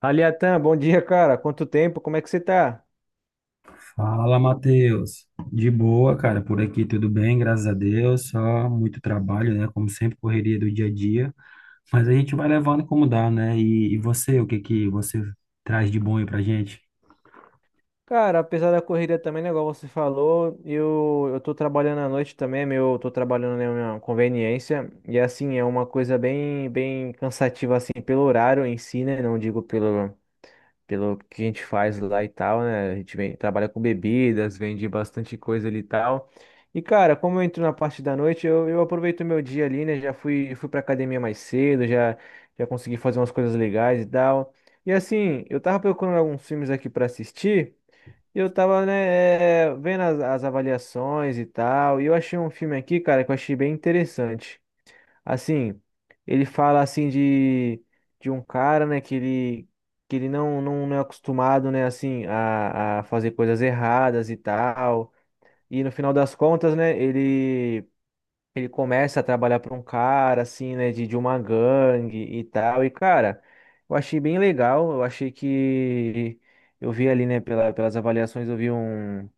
Aliatan, bom dia, cara. Quanto tempo? Como é que você tá? Fala, Matheus. De boa, cara, por aqui tudo bem, graças a Deus. Só muito trabalho, né? Como sempre, correria do dia a dia. Mas a gente vai levando como dá, né? E você, o que que você traz de bom aí pra gente? Cara, apesar da corrida também, né, igual você falou, eu tô trabalhando à noite também, é meu, eu tô trabalhando na minha conveniência, e assim, é uma coisa bem, bem cansativa, assim, pelo horário em si, né, não digo pelo que a gente faz lá e tal, né? A gente trabalha com bebidas, vende bastante coisa ali e tal. E, cara, como eu entro na parte da noite, eu aproveito o meu dia ali, né? Já fui pra academia mais cedo, já consegui fazer umas coisas legais e tal. E assim, eu tava procurando alguns filmes aqui pra assistir, e eu tava, né, vendo as, avaliações e tal, e eu achei um filme aqui, cara, que eu achei bem interessante. Assim, ele fala assim de, um cara, né, que ele não, é acostumado, né, assim, a fazer coisas erradas e tal. E no final das contas, né, ele, começa a trabalhar para um cara, assim, né, de uma gangue e tal. E, cara, eu achei bem legal. Eu achei que eu vi ali, né, pelas avaliações, eu vi um.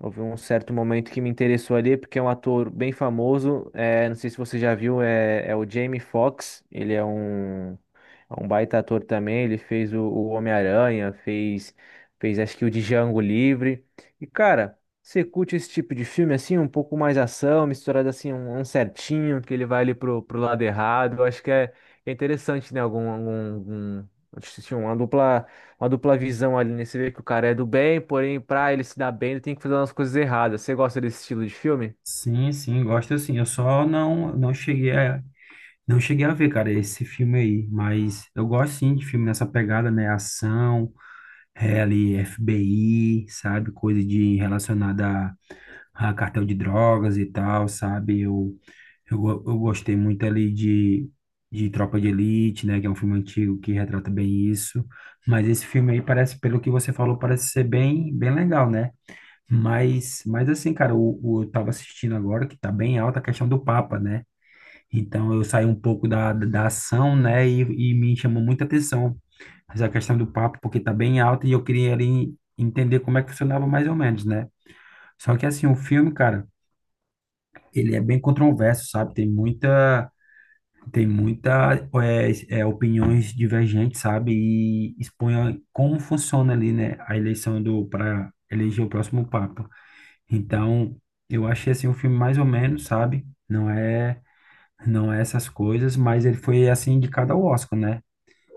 Houve um certo momento que me interessou ali, porque é um ator bem famoso. É, não sei se você já viu, é o Jamie Foxx. Ele é um baita ator também. Ele fez o Homem-Aranha, fez acho que o Django Livre. E cara, você curte esse tipo de filme assim, um pouco mais ação, misturado assim, um certinho, que ele vai ali pro lado errado. Eu acho que é interessante, né? Algum, algum, algum, uma dupla visão ali, né? Você vê que o cara é do bem, porém, pra ele se dar bem, ele tem que fazer umas coisas erradas. Você gosta desse estilo de filme? Sim, sim, gosto sim. Eu só não cheguei a não cheguei a ver, cara, esse filme aí, mas eu gosto sim de filme nessa pegada, né? Ação, ali FBI, sabe? Coisa de relacionada a cartel de drogas e tal, sabe? Eu gostei muito ali de Tropa de Elite, né? Que é um filme antigo que retrata bem isso. Mas esse filme aí parece, pelo que você falou, parece ser bem, bem legal, né? Mas assim, cara, eu tava assistindo agora que tá bem alta a questão do Papa, né? Então eu saí um pouco da ação, né? E e me chamou muita atenção. Mas a questão do Papa, porque tá bem alta e eu queria ali entender como é que funcionava mais ou menos, né? Só que assim, o filme, cara, ele é bem controverso, sabe? Tem muita. Tem muita opiniões divergentes, sabe? E expõe como funciona ali, né, a eleição do para eleger o próximo papa. Então, eu achei assim um filme mais ou menos, sabe? Não é essas coisas, mas ele foi assim indicado ao Oscar, né?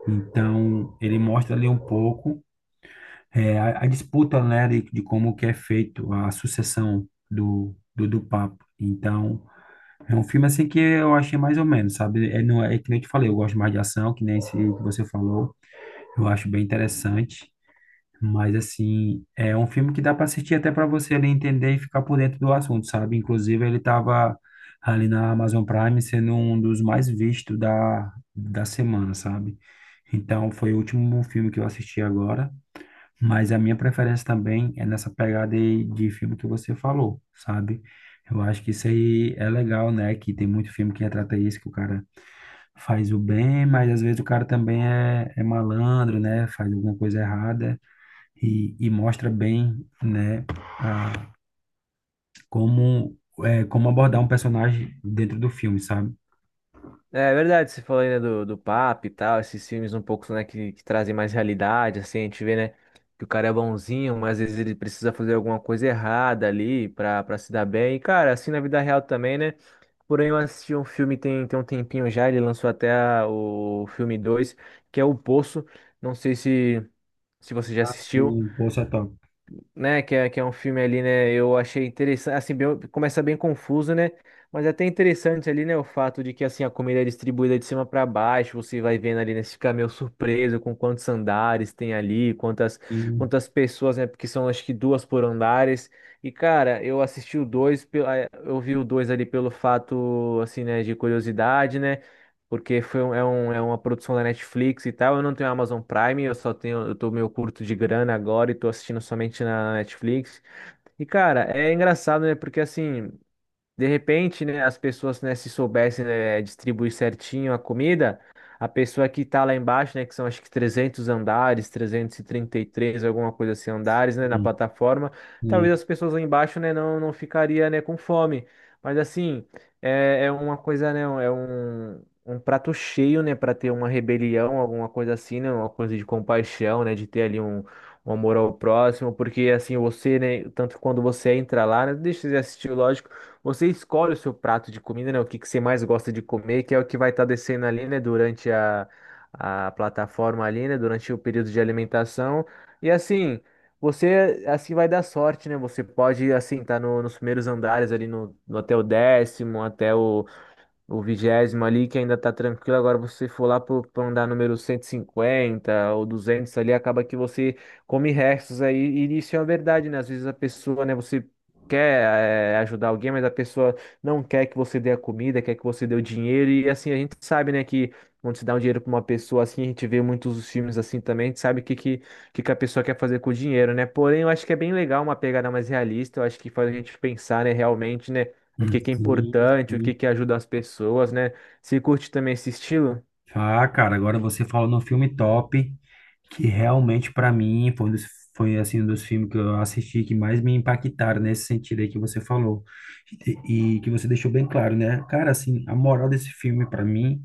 Então, ele mostra ali um pouco a disputa, né, de como que é feito a sucessão do papa. Então, é um filme assim que eu achei mais ou menos, sabe? É é que nem eu te falei, eu gosto mais de ação, que nem esse que você falou. Eu acho bem interessante. Mas, assim, é um filme que dá para assistir até para você ali entender e ficar por dentro do assunto, sabe? Inclusive, ele estava ali na Amazon Prime sendo um dos mais vistos da semana, sabe? Então, foi o último filme que eu assisti agora. Mas a minha preferência também é nessa pegada aí de filme que você falou, sabe? Eu acho que isso aí é legal, né? Que tem muito filme que retrata isso, que o cara faz o bem, mas às vezes o cara também é malandro, né? Faz alguma coisa errada e mostra bem, né? a- como, Como abordar um personagem dentro do filme, sabe? É verdade, você falou aí, né, do Papa e tal, esses filmes um pouco, né, que trazem mais realidade, assim, a gente vê, né, que o cara é bonzinho, mas às vezes ele precisa fazer alguma coisa errada ali pra se dar bem. E, cara, assim na vida real também, né? Porém, eu assisti um filme tem um tempinho já, ele lançou até o filme 2 que é O Poço. Não sei se você já assistiu, Assim, poxa, é top. né? Que é um filme ali, né? Eu achei interessante, assim, começa bem confuso, né? Mas é até interessante ali, né? O fato de que assim a comida é distribuída de cima para baixo, você vai vendo ali, né? Você fica meio surpreso com quantos andares tem ali, quantas Sim, quantas pessoas, né? Porque são acho que duas por andares. E cara, eu assisti o dois, eu vi o dois ali pelo fato, assim, né? De curiosidade, né? Porque foi é uma produção da Netflix e tal. Eu não tenho Amazon Prime, eu só tenho, eu tô meio curto de grana agora e tô assistindo somente na Netflix. E cara, é engraçado, né? Porque assim, de repente, né, as pessoas, né, se soubessem, né, distribuir certinho a comida, a pessoa que tá lá embaixo, né, que são acho que 300 andares, trezentos e trinta e três, alguma coisa assim, andares, né, na sim, plataforma, talvez sim, as pessoas lá embaixo, né, não ficaria, né, com fome. Mas assim, é uma coisa, né, é um prato cheio, né, para ter uma rebelião, alguma coisa assim, né, uma coisa de compaixão, né, de ter ali um amor ao próximo, porque assim, você, né, tanto quando você entra lá, né, deixa de assistir, lógico, você escolhe o seu prato de comida, né? O que que você mais gosta de comer, que é o que vai estar descendo ali, né? Durante a plataforma ali, né? Durante o período de alimentação. E assim, você assim vai dar sorte, né? Você pode, assim, estar tá nos primeiros andares ali no até o 10º, até o 20º ali, que ainda tá tranquilo. Agora você for lá pra andar número 150 ou 200 ali, acaba que você come restos aí. E isso é uma verdade, né? Às vezes a pessoa, né, você quer ajudar alguém, mas a pessoa não quer que você dê a comida, quer que você dê o dinheiro. E assim, a gente sabe, né, que quando se dá um dinheiro pra uma pessoa assim, a gente vê muitos dos filmes assim também, a gente sabe o que que a pessoa quer fazer com o dinheiro, né? Porém, eu acho que é bem legal uma pegada mais realista, eu acho que faz a gente pensar, né, realmente, né? O que que é sim, importante, o sim. que que ajuda as pessoas, né? Você curte também esse estilo? Ah, cara, agora você falou num filme top, que realmente pra mim foi, um dos, foi assim, um dos filmes que eu assisti que mais me impactaram nesse sentido aí que você falou. E que você deixou bem claro, né? Cara, assim, a moral desse filme pra mim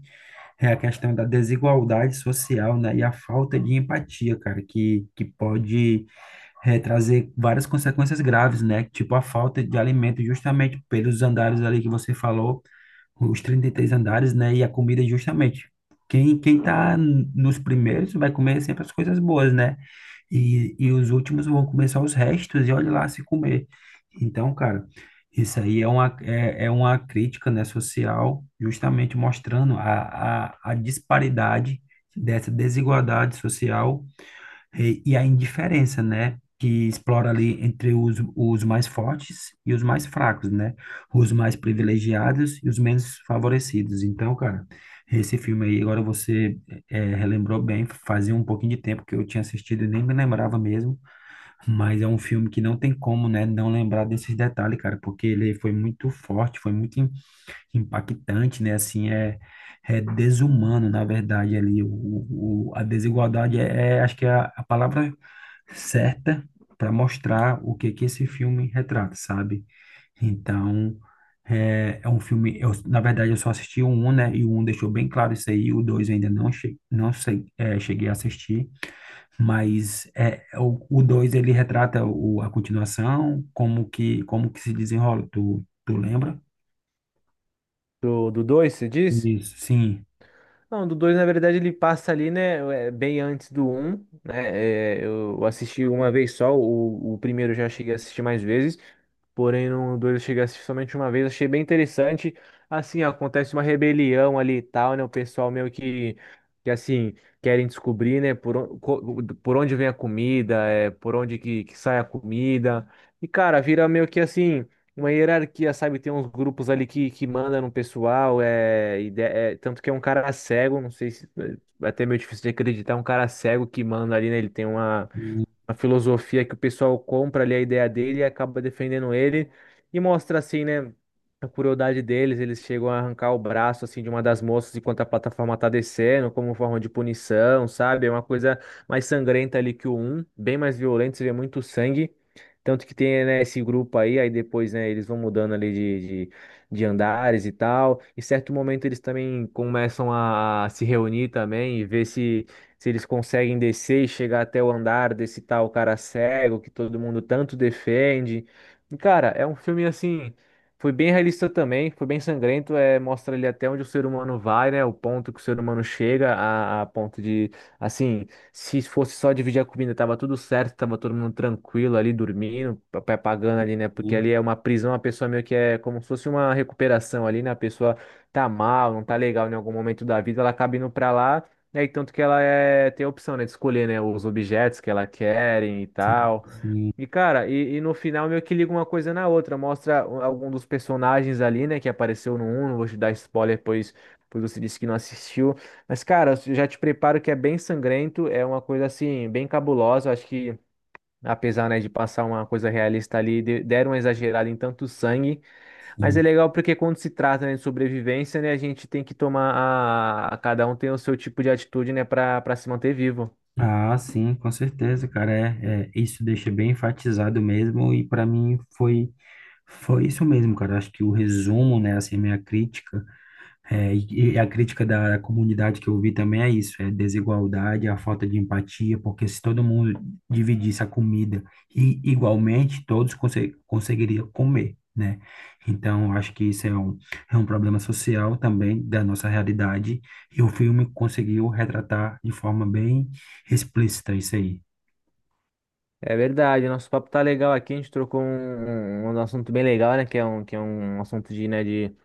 é a questão da desigualdade social, né? E a falta de empatia, cara, que pode trazer várias consequências graves, né? Tipo a falta de alimento justamente pelos andares ali que você falou os 33 andares, né? E a comida, justamente. Quem tá nos primeiros vai comer sempre as coisas boas, né? E os últimos vão comer só os restos e olha lá se comer. Então, cara, isso aí é é uma crítica, né, social, justamente mostrando a disparidade dessa desigualdade social e a indiferença, né? Que explora ali entre os mais fortes e os mais fracos, né? Os mais privilegiados e os menos favorecidos. Então, cara, esse filme aí, agora você relembrou bem, fazia um pouquinho de tempo que eu tinha assistido e nem me lembrava mesmo, mas é um filme que não tem como, né, não lembrar desses detalhes, cara, porque ele foi muito forte, impactante, né? Assim, é desumano, na verdade, ali. A desigualdade acho que é a palavra certa para mostrar o que que esse filme retrata, sabe? Então, é um filme. Eu, na verdade, eu só assisti o um, né? E o um deixou bem claro isso aí. O dois eu ainda não, che não sei, cheguei a assistir, mas é, o dois ele retrata o, a continuação, como que se desenrola. Tu lembra? Do dois, você diz? Isso, sim. Não, do 2 na verdade, ele passa ali, né, bem antes do um, né? É, eu assisti uma vez só, o primeiro eu já cheguei a assistir mais vezes. Porém, no 2 eu cheguei a assistir somente uma vez, achei bem interessante. Assim, acontece uma rebelião ali e tal, né? O pessoal meio que assim, querem descobrir, né? Por onde vem a comida, por onde que sai a comida. E, cara, vira meio que assim, uma hierarquia, sabe? Tem uns grupos ali que mandam no pessoal, e tanto que é um cara cego, não sei se, é até meio difícil de acreditar, é um cara cego que manda ali, né? Ele tem uma Sim, uma filosofia que o pessoal compra ali a ideia dele e acaba defendendo ele e mostra assim, né, a crueldade deles, eles chegam a arrancar o braço assim de uma das moças enquanto a plataforma tá descendo, como forma de punição, sabe? É uma coisa mais sangrenta ali que o um, bem mais violento, você vê muito sangue. Tanto que tem, né, esse grupo aí, aí depois, né, eles vão mudando ali de, de andares e tal. Em certo momento eles também começam a se reunir também e ver se eles conseguem descer e chegar até o andar desse tal cara cego que todo mundo tanto defende. E, cara, é um filme assim, foi bem realista também, foi bem sangrento, é, mostra ali até onde o ser humano vai, né, o ponto que o ser humano chega a, ponto de, assim, se fosse só dividir a comida, tava tudo certo, tava todo mundo tranquilo ali, dormindo, papai pagando ali, né? Porque sim, ali é uma prisão, a pessoa meio que é como se fosse uma recuperação ali, né? A pessoa tá mal, não tá legal em algum momento da vida, ela acaba indo pra lá, né? E tanto que ela tem a opção, né, de escolher, né, os objetos que ela querem e tal. sim, E, cara, e no final meio que liga uma coisa na outra. Mostra um, algum dos personagens ali, né, que apareceu no um. Não vou te dar spoiler, pois você disse que não assistiu. Mas, cara, eu já te preparo que é bem sangrento. É uma coisa, assim, bem cabulosa. Eu acho que, apesar, né, de passar uma coisa realista ali, deram uma exagerada em tanto sangue. Mas é sim. legal porque quando se trata, né, de sobrevivência, né, a gente tem que tomar cada um tem o seu tipo de atitude, né, pra se manter vivo. Ah, sim, com certeza, cara. Isso deixa bem enfatizado mesmo, e para mim foi, foi isso mesmo, cara. Acho que o resumo, né, assim, a minha crítica. E a crítica da comunidade que eu vi também é isso, é desigualdade, a falta de empatia, porque se todo mundo dividisse a comida e igualmente, conseguiriam comer, né? Então, eu acho que isso é um problema social também da nossa realidade, e o filme conseguiu retratar de forma bem explícita isso aí. É verdade, nosso papo tá legal aqui, a gente trocou um assunto bem legal, né? Que é um assunto de, né, de,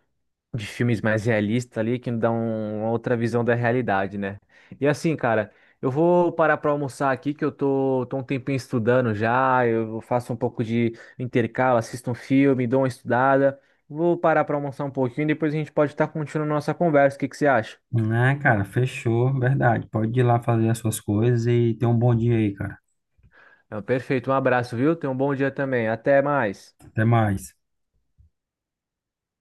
de filmes mais realistas ali, que dá uma outra visão da realidade, né? E assim, cara, eu vou parar pra almoçar aqui, que eu tô um tempinho estudando já, eu faço um pouco de intercalo, assisto um filme, dou uma estudada. Vou parar pra almoçar um pouquinho e depois a gente pode estar continuando nossa conversa. O que que você acha? Ah, cara, fechou, verdade. Pode ir lá fazer as suas coisas e ter um bom dia aí, cara. Não, perfeito, um abraço, viu? Tenha um bom dia também. Até mais. Até mais.